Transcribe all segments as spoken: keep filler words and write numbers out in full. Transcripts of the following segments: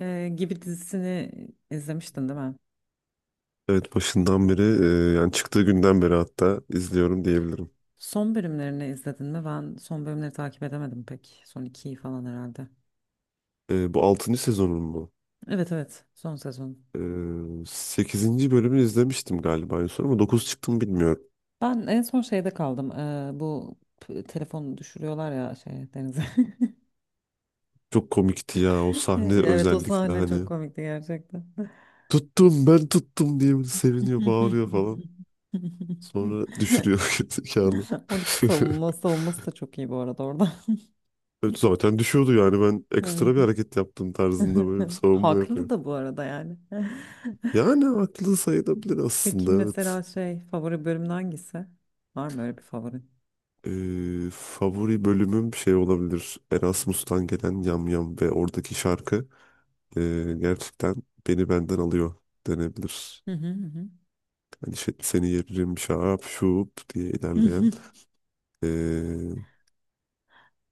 e, Gibi dizisini izlemiştin değil mi? Evet, başından beri e, yani çıktığı günden beri hatta izliyorum diyebilirim. Son bölümlerini izledin mi? Ben son bölümleri takip edemedim pek. Son ikiyi falan herhalde. E, bu altıncı sezonun mu? Evet evet son sezon. E, sekizinci bölümünü izlemiştim galiba en son ama dokuz çıktım bilmiyorum. Ben en son şeyde kaldım. E, bu p- telefonu düşürüyorlar ya şey denize. Çok komikti ya o sahne Evet o özellikle sahne çok hani komikti gerçekten. tuttum ben tuttum diye böyle seviniyor bağırıyor falan. Sonra düşürüyor zekalı. Oradaki savunma savunması da çok iyi bu arada orada. Evet, zaten düşüyordu yani ben Evet. ekstra bir hareket yaptım tarzında böyle bir savunma yapıyor. Haklı da bu arada yani. Yani haklı sayılabilir Peki aslında, evet. mesela şey favori bölümün hangisi? Var mı öyle bir favorin? Ee, favori bölümüm şey olabilir. Erasmus'tan gelen Yam Yam ve oradaki şarkı ee, gerçekten beni benden alıyor denebilir. Hı hı hı. Hani şey- seni yerim şap şup diye Hı. ilerleyen. Ee,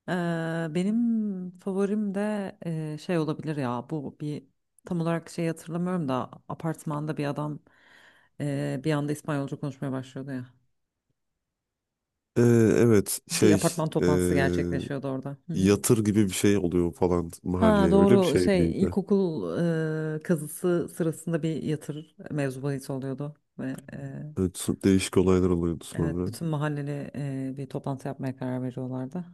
Eee, Benim favorim de eee, şey olabilir ya bu bir tam olarak şey hatırlamıyorum da apartmanda bir adam eee, bir anda İspanyolca konuşmaya başlıyordu ya. ee, evet, Bir şey, apartman ee, toplantısı gerçekleşiyordu orada. Hı hı. yatır gibi bir şey oluyor falan Ha mahalleye, öyle bir doğru şey şey miydi? ilkokul eee kazısı sırasında bir yatır mevzu bahis oluyordu ve eee, Evet, so- değişik olaylar oluyordu evet sonra. bütün mahalleli eee, bir toplantı yapmaya karar veriyorlardı.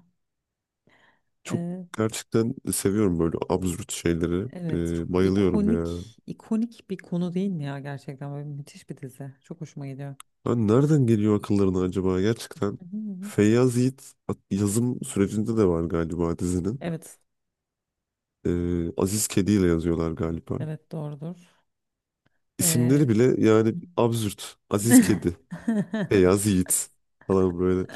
Çok gerçekten seviyorum böyle absürt şeyleri. Evet, çok Ee, bayılıyorum ya. ikonik ikonik bir konu değil mi ya, gerçekten böyle müthiş bir dizi. Çok hoşuma gidiyor. Ben nereden geliyor akıllarına acaba gerçekten? Hı hı hı. Feyyaz Yiğit at- yazım sürecinde de var galiba dizinin. Evet, Ee, Aziz Kedi ile yazıyorlar galiba. evet doğrudur. İsimleri Ee, bile yani absürt. Aziz Kedi, Feyyaz Yiğit falan böyle.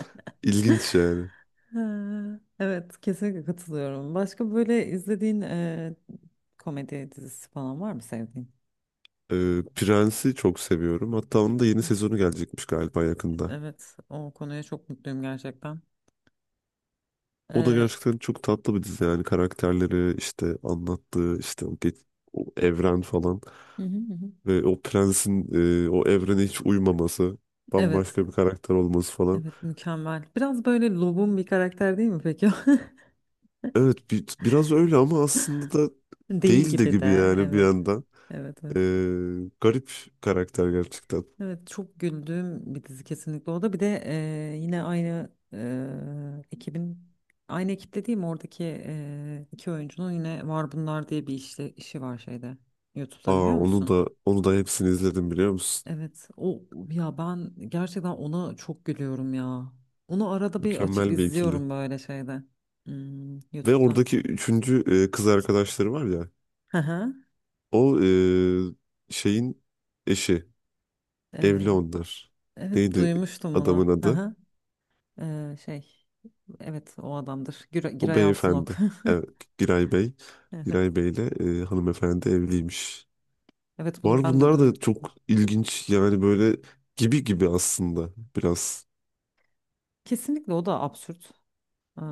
İlginç yani. Ha, evet, kesinlikle katılıyorum. Başka böyle izlediğin e, komedi dizisi falan var mı sevdiğin? Ee, Prens'i çok seviyorum. Hatta onun da yeni Hı hı. sezonu gelecekmiş galiba yakında. Evet, o konuya çok mutluyum gerçekten. O da Ee, gerçekten çok tatlı bir dizi yani karakterleri işte anlattığı işte o, ge- o evren falan. Hı hı hı. Ve o prensin e, o evrene hiç uymaması, Evet, bambaşka bir karakter olması falan. evet mükemmel. Biraz böyle lobum bir karakter değil mi peki? Evet, bi- biraz öyle ama aslında da Değil değil de gibi gibi de yani bir evet. yandan. Evet E, evet. Garip karakter gerçekten. Evet çok güldüğüm bir dizi kesinlikle o da. Bir de e, yine aynı e, ekibin aynı ekip dediğim oradaki e, iki oyuncunun yine Var Bunlar diye bir işle, işi var şeyde. YouTube'da Aa, biliyor onu da musun? onu da hepsini izledim biliyor musun? Evet o, ya ben gerçekten ona çok gülüyorum ya. Onu arada bir açıp Mükemmel bir ikili. izliyorum böyle şeyde. Hmm, Ve YouTube'da. oradaki üçüncü, e, kız arkadaşları var ya. Hı hı. O e, şeyin eşi. E, Evli onlar. evet Neydi duymuştum bunu. adamın Hı adı? hı. E, şey. Evet o adamdır. Gür- O Giray beyefendi. Altınok. Evet, Giray Bey. Evet. Giray Bey ile e, hanımefendi evliymiş. Evet bunu Var ben de bunlar da duymuştum. çok ilginç yani böyle gibi gibi aslında biraz. Kesinlikle o da absürt.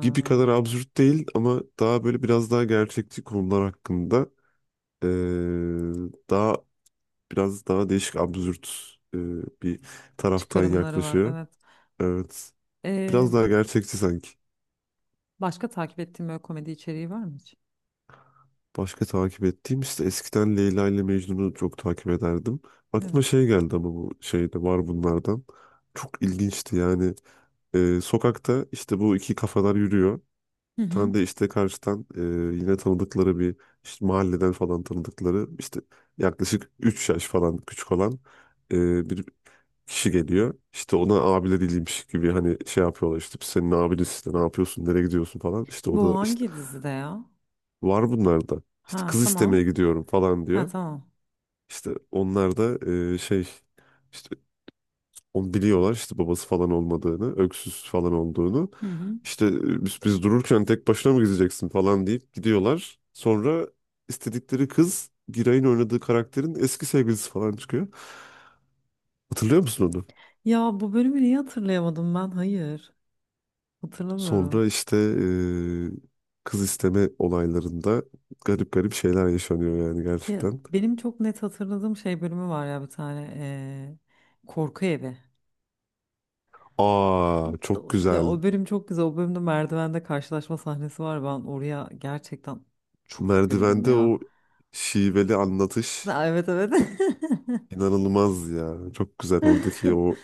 Gibi kadar absürt değil ama daha böyle biraz daha gerçekçi konular hakkında e, daha biraz daha değişik absürt e, bir taraftan çıkarımları var. yaklaşıyor. Evet. Evet. Ee, Biraz daha gerçekçi sanki. Başka takip ettiğin böyle komedi içeriği var mı hiç? Başka takip ettiğim, işte eskiden Leyla ile Mecnun'u çok takip ederdim. Aklıma Evet. şey geldi ama bu şeyde, var bunlardan. Çok ilginçti yani. Ee, sokakta işte bu iki kafalar yürüyor. Bir Hı hı. tane de işte karşıdan e, yine tanıdıkları bir, işte mahalleden falan tanıdıkları işte yaklaşık üç yaş falan küçük olan e, bir kişi geliyor. İşte ona abileriymiş gibi hani şey yapıyorlar, işte "Biz senin abiniz, işte ne yapıyorsun, nereye gidiyorsun falan." İşte o Bu da işte hangi dizide ya? var bunlarda. İşte Ha kız istemeye tamam. gidiyorum falan Ha diyor. tamam. İşte onlar da e, şey, işte onu biliyorlar, işte babası falan olmadığını, öksüz falan olduğunu. Hı hı. İşte e, biz, biz dururken tek başına mı gideceksin falan deyip gidiyorlar. Sonra istedikleri kız, Giray'ın oynadığı karakterin eski sevgilisi falan çıkıyor. Hatırlıyor musun onu? Ya bu bölümü niye hatırlayamadım ben? Hayır. Hatırlamıyorum. Sonra işte e, kız isteme olaylarında garip garip şeyler yaşanıyor yani Ya, gerçekten. benim çok net hatırladığım şey bölümü var ya bir tane. Ee, korku evi. Aa, çok O- Ya güzel. o bölüm çok güzel. O bölümde merdivende karşılaşma sahnesi var. Ben oraya gerçekten çok güldüm Merdivende ya. o şiveli anlatış. Ha, evet evet. İnanılmaz ya. Çok güzel oradaki o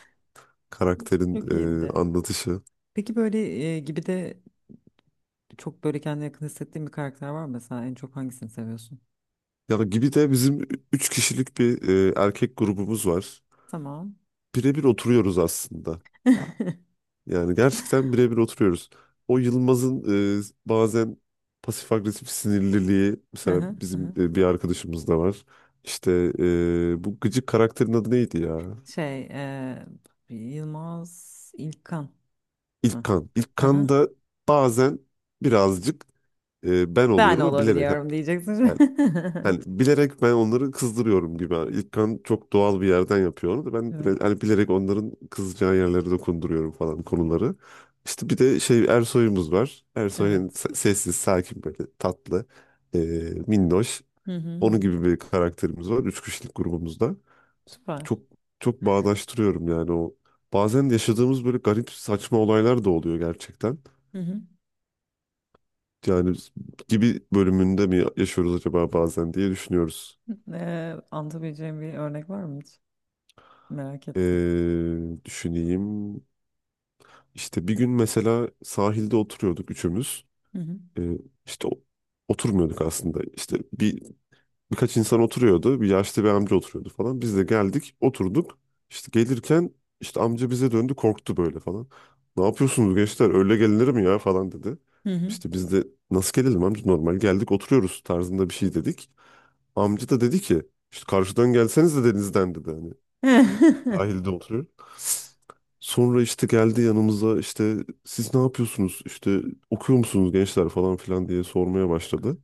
karakterin Çok e, iyiydi. anlatışı. Peki böyle e, gibi de çok böyle kendine yakın hissettiğin bir karakter var mı? Mesela en çok hangisini seviyorsun? Ya, gibi de bizim üç kişilik bir e, erkek grubumuz var. Tamam. Birebir oturuyoruz aslında. Yani gerçekten birebir oturuyoruz. O Yılmaz'ın e, bazen pasif agresif sinirliliği mesela Aha, bizim aha. e, bir arkadaşımız da var. İşte e, bu gıcık karakterin adı neydi ya? Şey, e, Yılmaz İlkan mı? İlkan. İlkan Aha. da bazen birazcık e, ben Ben oluyorum ama bilerek. Ha, olabiliyorum diyeceksin. hani bilerek ben onları kızdırıyorum gibi. Yani İlkan çok doğal bir yerden yapıyor onu da ben Evet. bile- hani bilerek onların kızacağı yerlere dokunduruyorum falan konuları. İşte bir de şey Ersoy'umuz var. Ersoy hani Evet. se- sessiz, sakin böyle tatlı, e, minnoş. Hı hı hı. Onun gibi bir karakterimiz var. Üç kişilik grubumuzda. Süper. Çok çok bağdaştırıyorum yani o. Bazen yaşadığımız böyle garip saçma olaylar da oluyor gerçekten. Hı. Süper. Yani gibi bölümünde mi yaşıyoruz acaba bazen diye düşünüyoruz. Ee, anlatabileceğim bir örnek var mı hiç? Merak ettim. Ee, Düşüneyim. İşte bir gün mesela sahilde oturuyorduk üçümüz. Hı hı. Ee, işte o- oturmuyorduk aslında. İşte bir birkaç insan oturuyordu. Bir yaşlı bir amca oturuyordu falan. Biz de geldik, oturduk. İşte gelirken işte amca bize döndü, korktu böyle falan. Ne yapıyorsunuz gençler? Öyle gelinir mi ya falan dedi. Hı hı. İşte biz de, nasıl gelelim amca, normal geldik oturuyoruz tarzında bir şey dedik. Amca da dedi ki, işte karşıdan gelseniz de denizden dedi, hani. Sahilde oturuyor. Sonra işte geldi yanımıza, işte siz ne yapıyorsunuz, işte okuyor musunuz gençler falan filan diye sormaya başladı.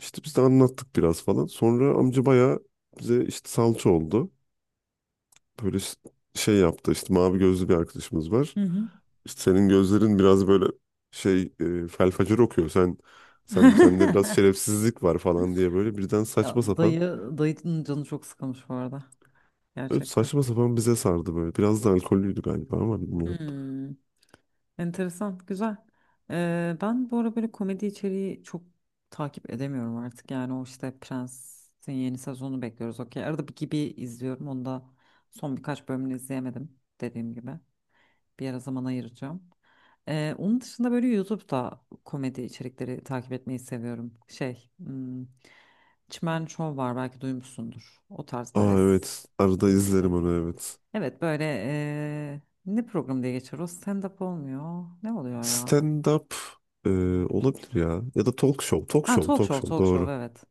İşte biz de anlattık biraz falan. Sonra amca bayağı bize işte salça oldu. Böyle ş- şey yaptı, işte mavi gözlü bir arkadaşımız var. Hı hı. İşte senin gözlerin biraz böyle şey e, felfacer okuyor. Sen sen sende biraz şerefsizlik var falan diye böyle birden Ya saçma sapan, dayı, dayının canı çok sıkılmış bu arada. öyle Gerçekten. saçma sapan bize sardı böyle. Biraz da alkollüydü galiba ama bilmiyorum. Hmm. Enteresan, güzel. Ee, ben bu ara böyle komedi içeriği çok takip edemiyorum artık. Yani o işte Prens'in yeni sezonu bekliyoruz. Okey. Arada bir gibi izliyorum. Onu da son birkaç bölümünü izleyemedim dediğim gibi. Bir ara zaman ayıracağım. Ee, onun dışında böyle YouTube'da komedi içerikleri takip etmeyi seviyorum. Şey, hmm, Çimen Show var belki duymuşsundur. O tarz böyle. Aa, s- evet. Arada Şeyimsi. izlerim onu, evet. Evet böyle ee, ne program diye geçer o? Stand-up olmuyor. Ne oluyor ya? Stand-up e, olabilir ya. Ya da talk show. Talk Ha show. talk Talk show, show. talk show Doğru. evet.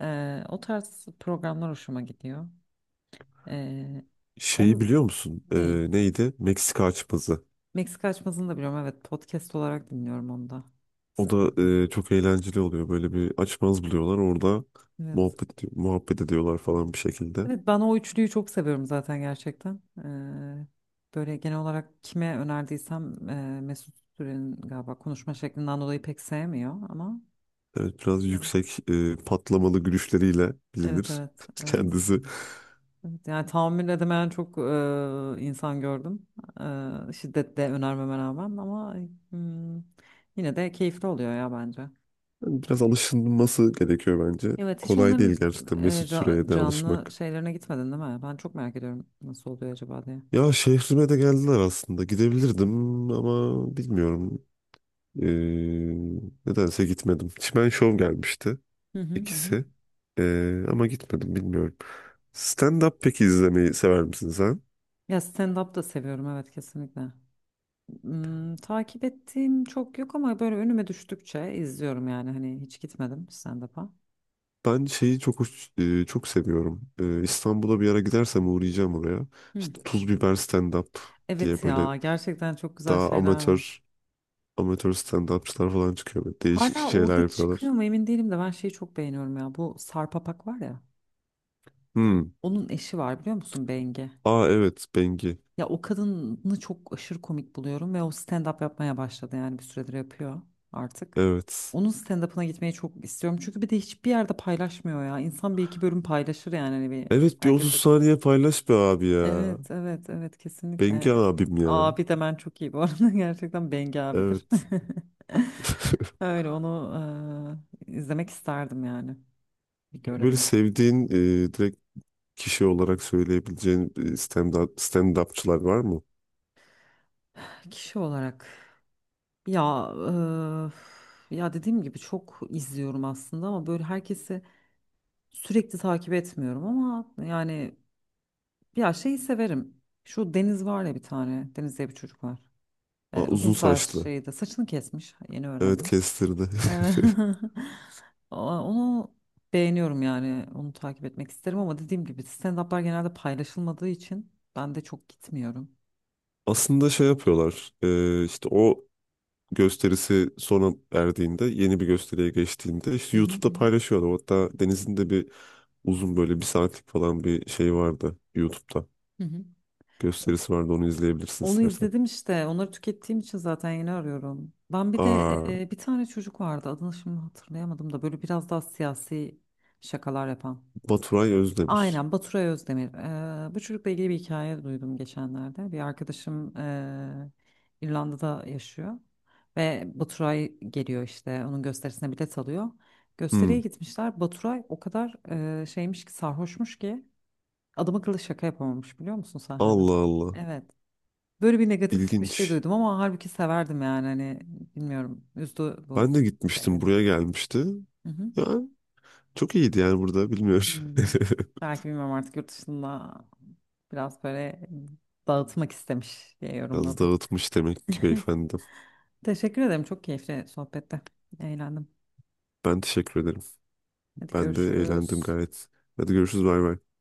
Ee, o tarz programlar hoşuma gidiyor. Ee, Şeyi Onun biliyor musun? E, neyi? Neydi? Meksika açması. Meksika açmasını da biliyorum evet, podcast olarak dinliyorum onu da O da sıklıkla. e, çok eğlenceli oluyor. Böyle bir açmaz buluyorlar. Orada Evet. muhabbet, muhabbet ediyorlar falan bir şekilde. Evet, ben o üçlüyü çok seviyorum zaten gerçekten. Ee, böyle genel olarak kime önerdiysem e, Mesut Süren'in galiba konuşma şeklinden dolayı pek sevmiyor ama Evet, biraz yüksek, e, patlamalı gülüşleriyle evet bilinir evet evet. kendisi. Evet, yani tahammül edemeyen çok e, insan gördüm. E, şiddetle önermeme rağmen ama hmm, yine de keyifli oluyor ya bence. Yani biraz alışılması gerekiyor bence. Evet hiç Kolay değil onların gerçekten e, Mesut Süre'ye ca- de canlı alışmak. şeylerine gitmedin değil mi? Ben çok merak ediyorum nasıl oluyor acaba diye. Ya, şehrime de geldiler aslında. Gidebilirdim ama bilmiyorum. Ee, Nedense gitmedim. Çimen Show gelmişti Hı hı hı. Hı. ikisi. Ee, ama gitmedim, bilmiyorum. Stand-up peki izlemeyi sever misin sen? Ya stand-up da seviyorum evet kesinlikle. Hmm, takip ettiğim çok yok ama böyle önüme düştükçe izliyorum yani hani hiç gitmedim stand-up'a. Ben şeyi çok hoş- e, çok seviyorum. Ee, İstanbul'a bir ara gidersem uğrayacağım oraya. Hı. İşte Tuz Biber Stand-up diye Evet böyle ya gerçekten çok güzel daha şeyler var. amatör amatör stand-upçılar falan çıkıyor. Böyle değişik Hala şeyler orada çıkıyor yapıyorlar. mu emin değilim de ben şeyi çok beğeniyorum ya. Bu Sarp Apak var ya. Hmm. Onun eşi var biliyor musun, Bengi? Aa, evet, Bengi. Ya o kadını çok aşırı komik buluyorum ve o stand-up yapmaya başladı yani bir süredir yapıyor artık. Evet. Onun stand-up'ına gitmeyi çok istiyorum. Çünkü bir de hiçbir yerde paylaşmıyor ya. İnsan bir iki bölüm paylaşır yani hani bir Evet, bir otuz herkese. saniye paylaş be abi ya. Evet, evet, evet kesinlikle. Bengi abim ya. Abi de ben çok iyi bu arada. Gerçekten Bengi abidir. Evet. Öyle onu eee, izlemek isterdim yani. Bir Böyle görebilmek. sevdiğin e, direkt kişi olarak söyleyebileceğin e, stand up, stand-upçılar var mı? Kişi olarak ya eee, ya dediğim gibi çok izliyorum aslında ama böyle herkesi sürekli takip etmiyorum ama yani ya şeyi severim. Şu Deniz var ya bir tane. Deniz diye bir çocuk var. Aa, Ee, uzun uzun saç saçlı. şeyi de saçını kesmiş. Yeni Evet, öğrendim. kestirdi. Ee, o- Onu beğeniyorum yani. Onu takip etmek isterim ama dediğim gibi stand-up'lar genelde paylaşılmadığı için ben de çok gitmiyorum. Aslında şey yapıyorlar. e, işte o gösterisi sona erdiğinde, yeni bir gösteriye geçtiğinde Hı işte hı hı. YouTube'da paylaşıyorlar. Hı. Hatta Deniz'in de bir uzun böyle bir saatlik falan bir şey vardı YouTube'da. Hı hı. Gösterisi vardı, onu izleyebilirsin Onu istersen. izledim işte. Onları tükettiğim için zaten yeni arıyorum. Ben bir de Aa. e, bir tane çocuk vardı. Adını şimdi hatırlayamadım da böyle biraz daha siyasi şakalar yapan. Baturay Özdemir. Aynen Baturay Özdemir. E, bu çocukla ilgili bir hikaye duydum geçenlerde. Bir arkadaşım e, İrlanda'da yaşıyor ve Baturay geliyor işte. Onun gösterisine bilet alıyor. Hmm. Gösteriye gitmişler. Baturay o kadar e, şeymiş ki, sarhoşmuş ki adam akıllı şaka yapamamış biliyor musun sahnede? Allah Allah. Evet. Böyle bir negatif bir şey İlginç. duydum ama halbuki severdim yani hani bilmiyorum, üzdü bu Ben de şey gitmiştim. beni. Buraya gelmişti. Hı hı. Yani çok iyiydi yani burada. Bilmiyorum. Hmm. Belki bilmiyorum artık yurt dışında biraz böyle dağıtmak istemiş diye Biraz yorumladım. dağıtmış demek ki beyefendi. Teşekkür ederim, çok keyifli sohbette eğlendim. Ben teşekkür ederim. Hadi Ben de eğlendim görüşürüz. gayet. Hadi görüşürüz. Bay bay.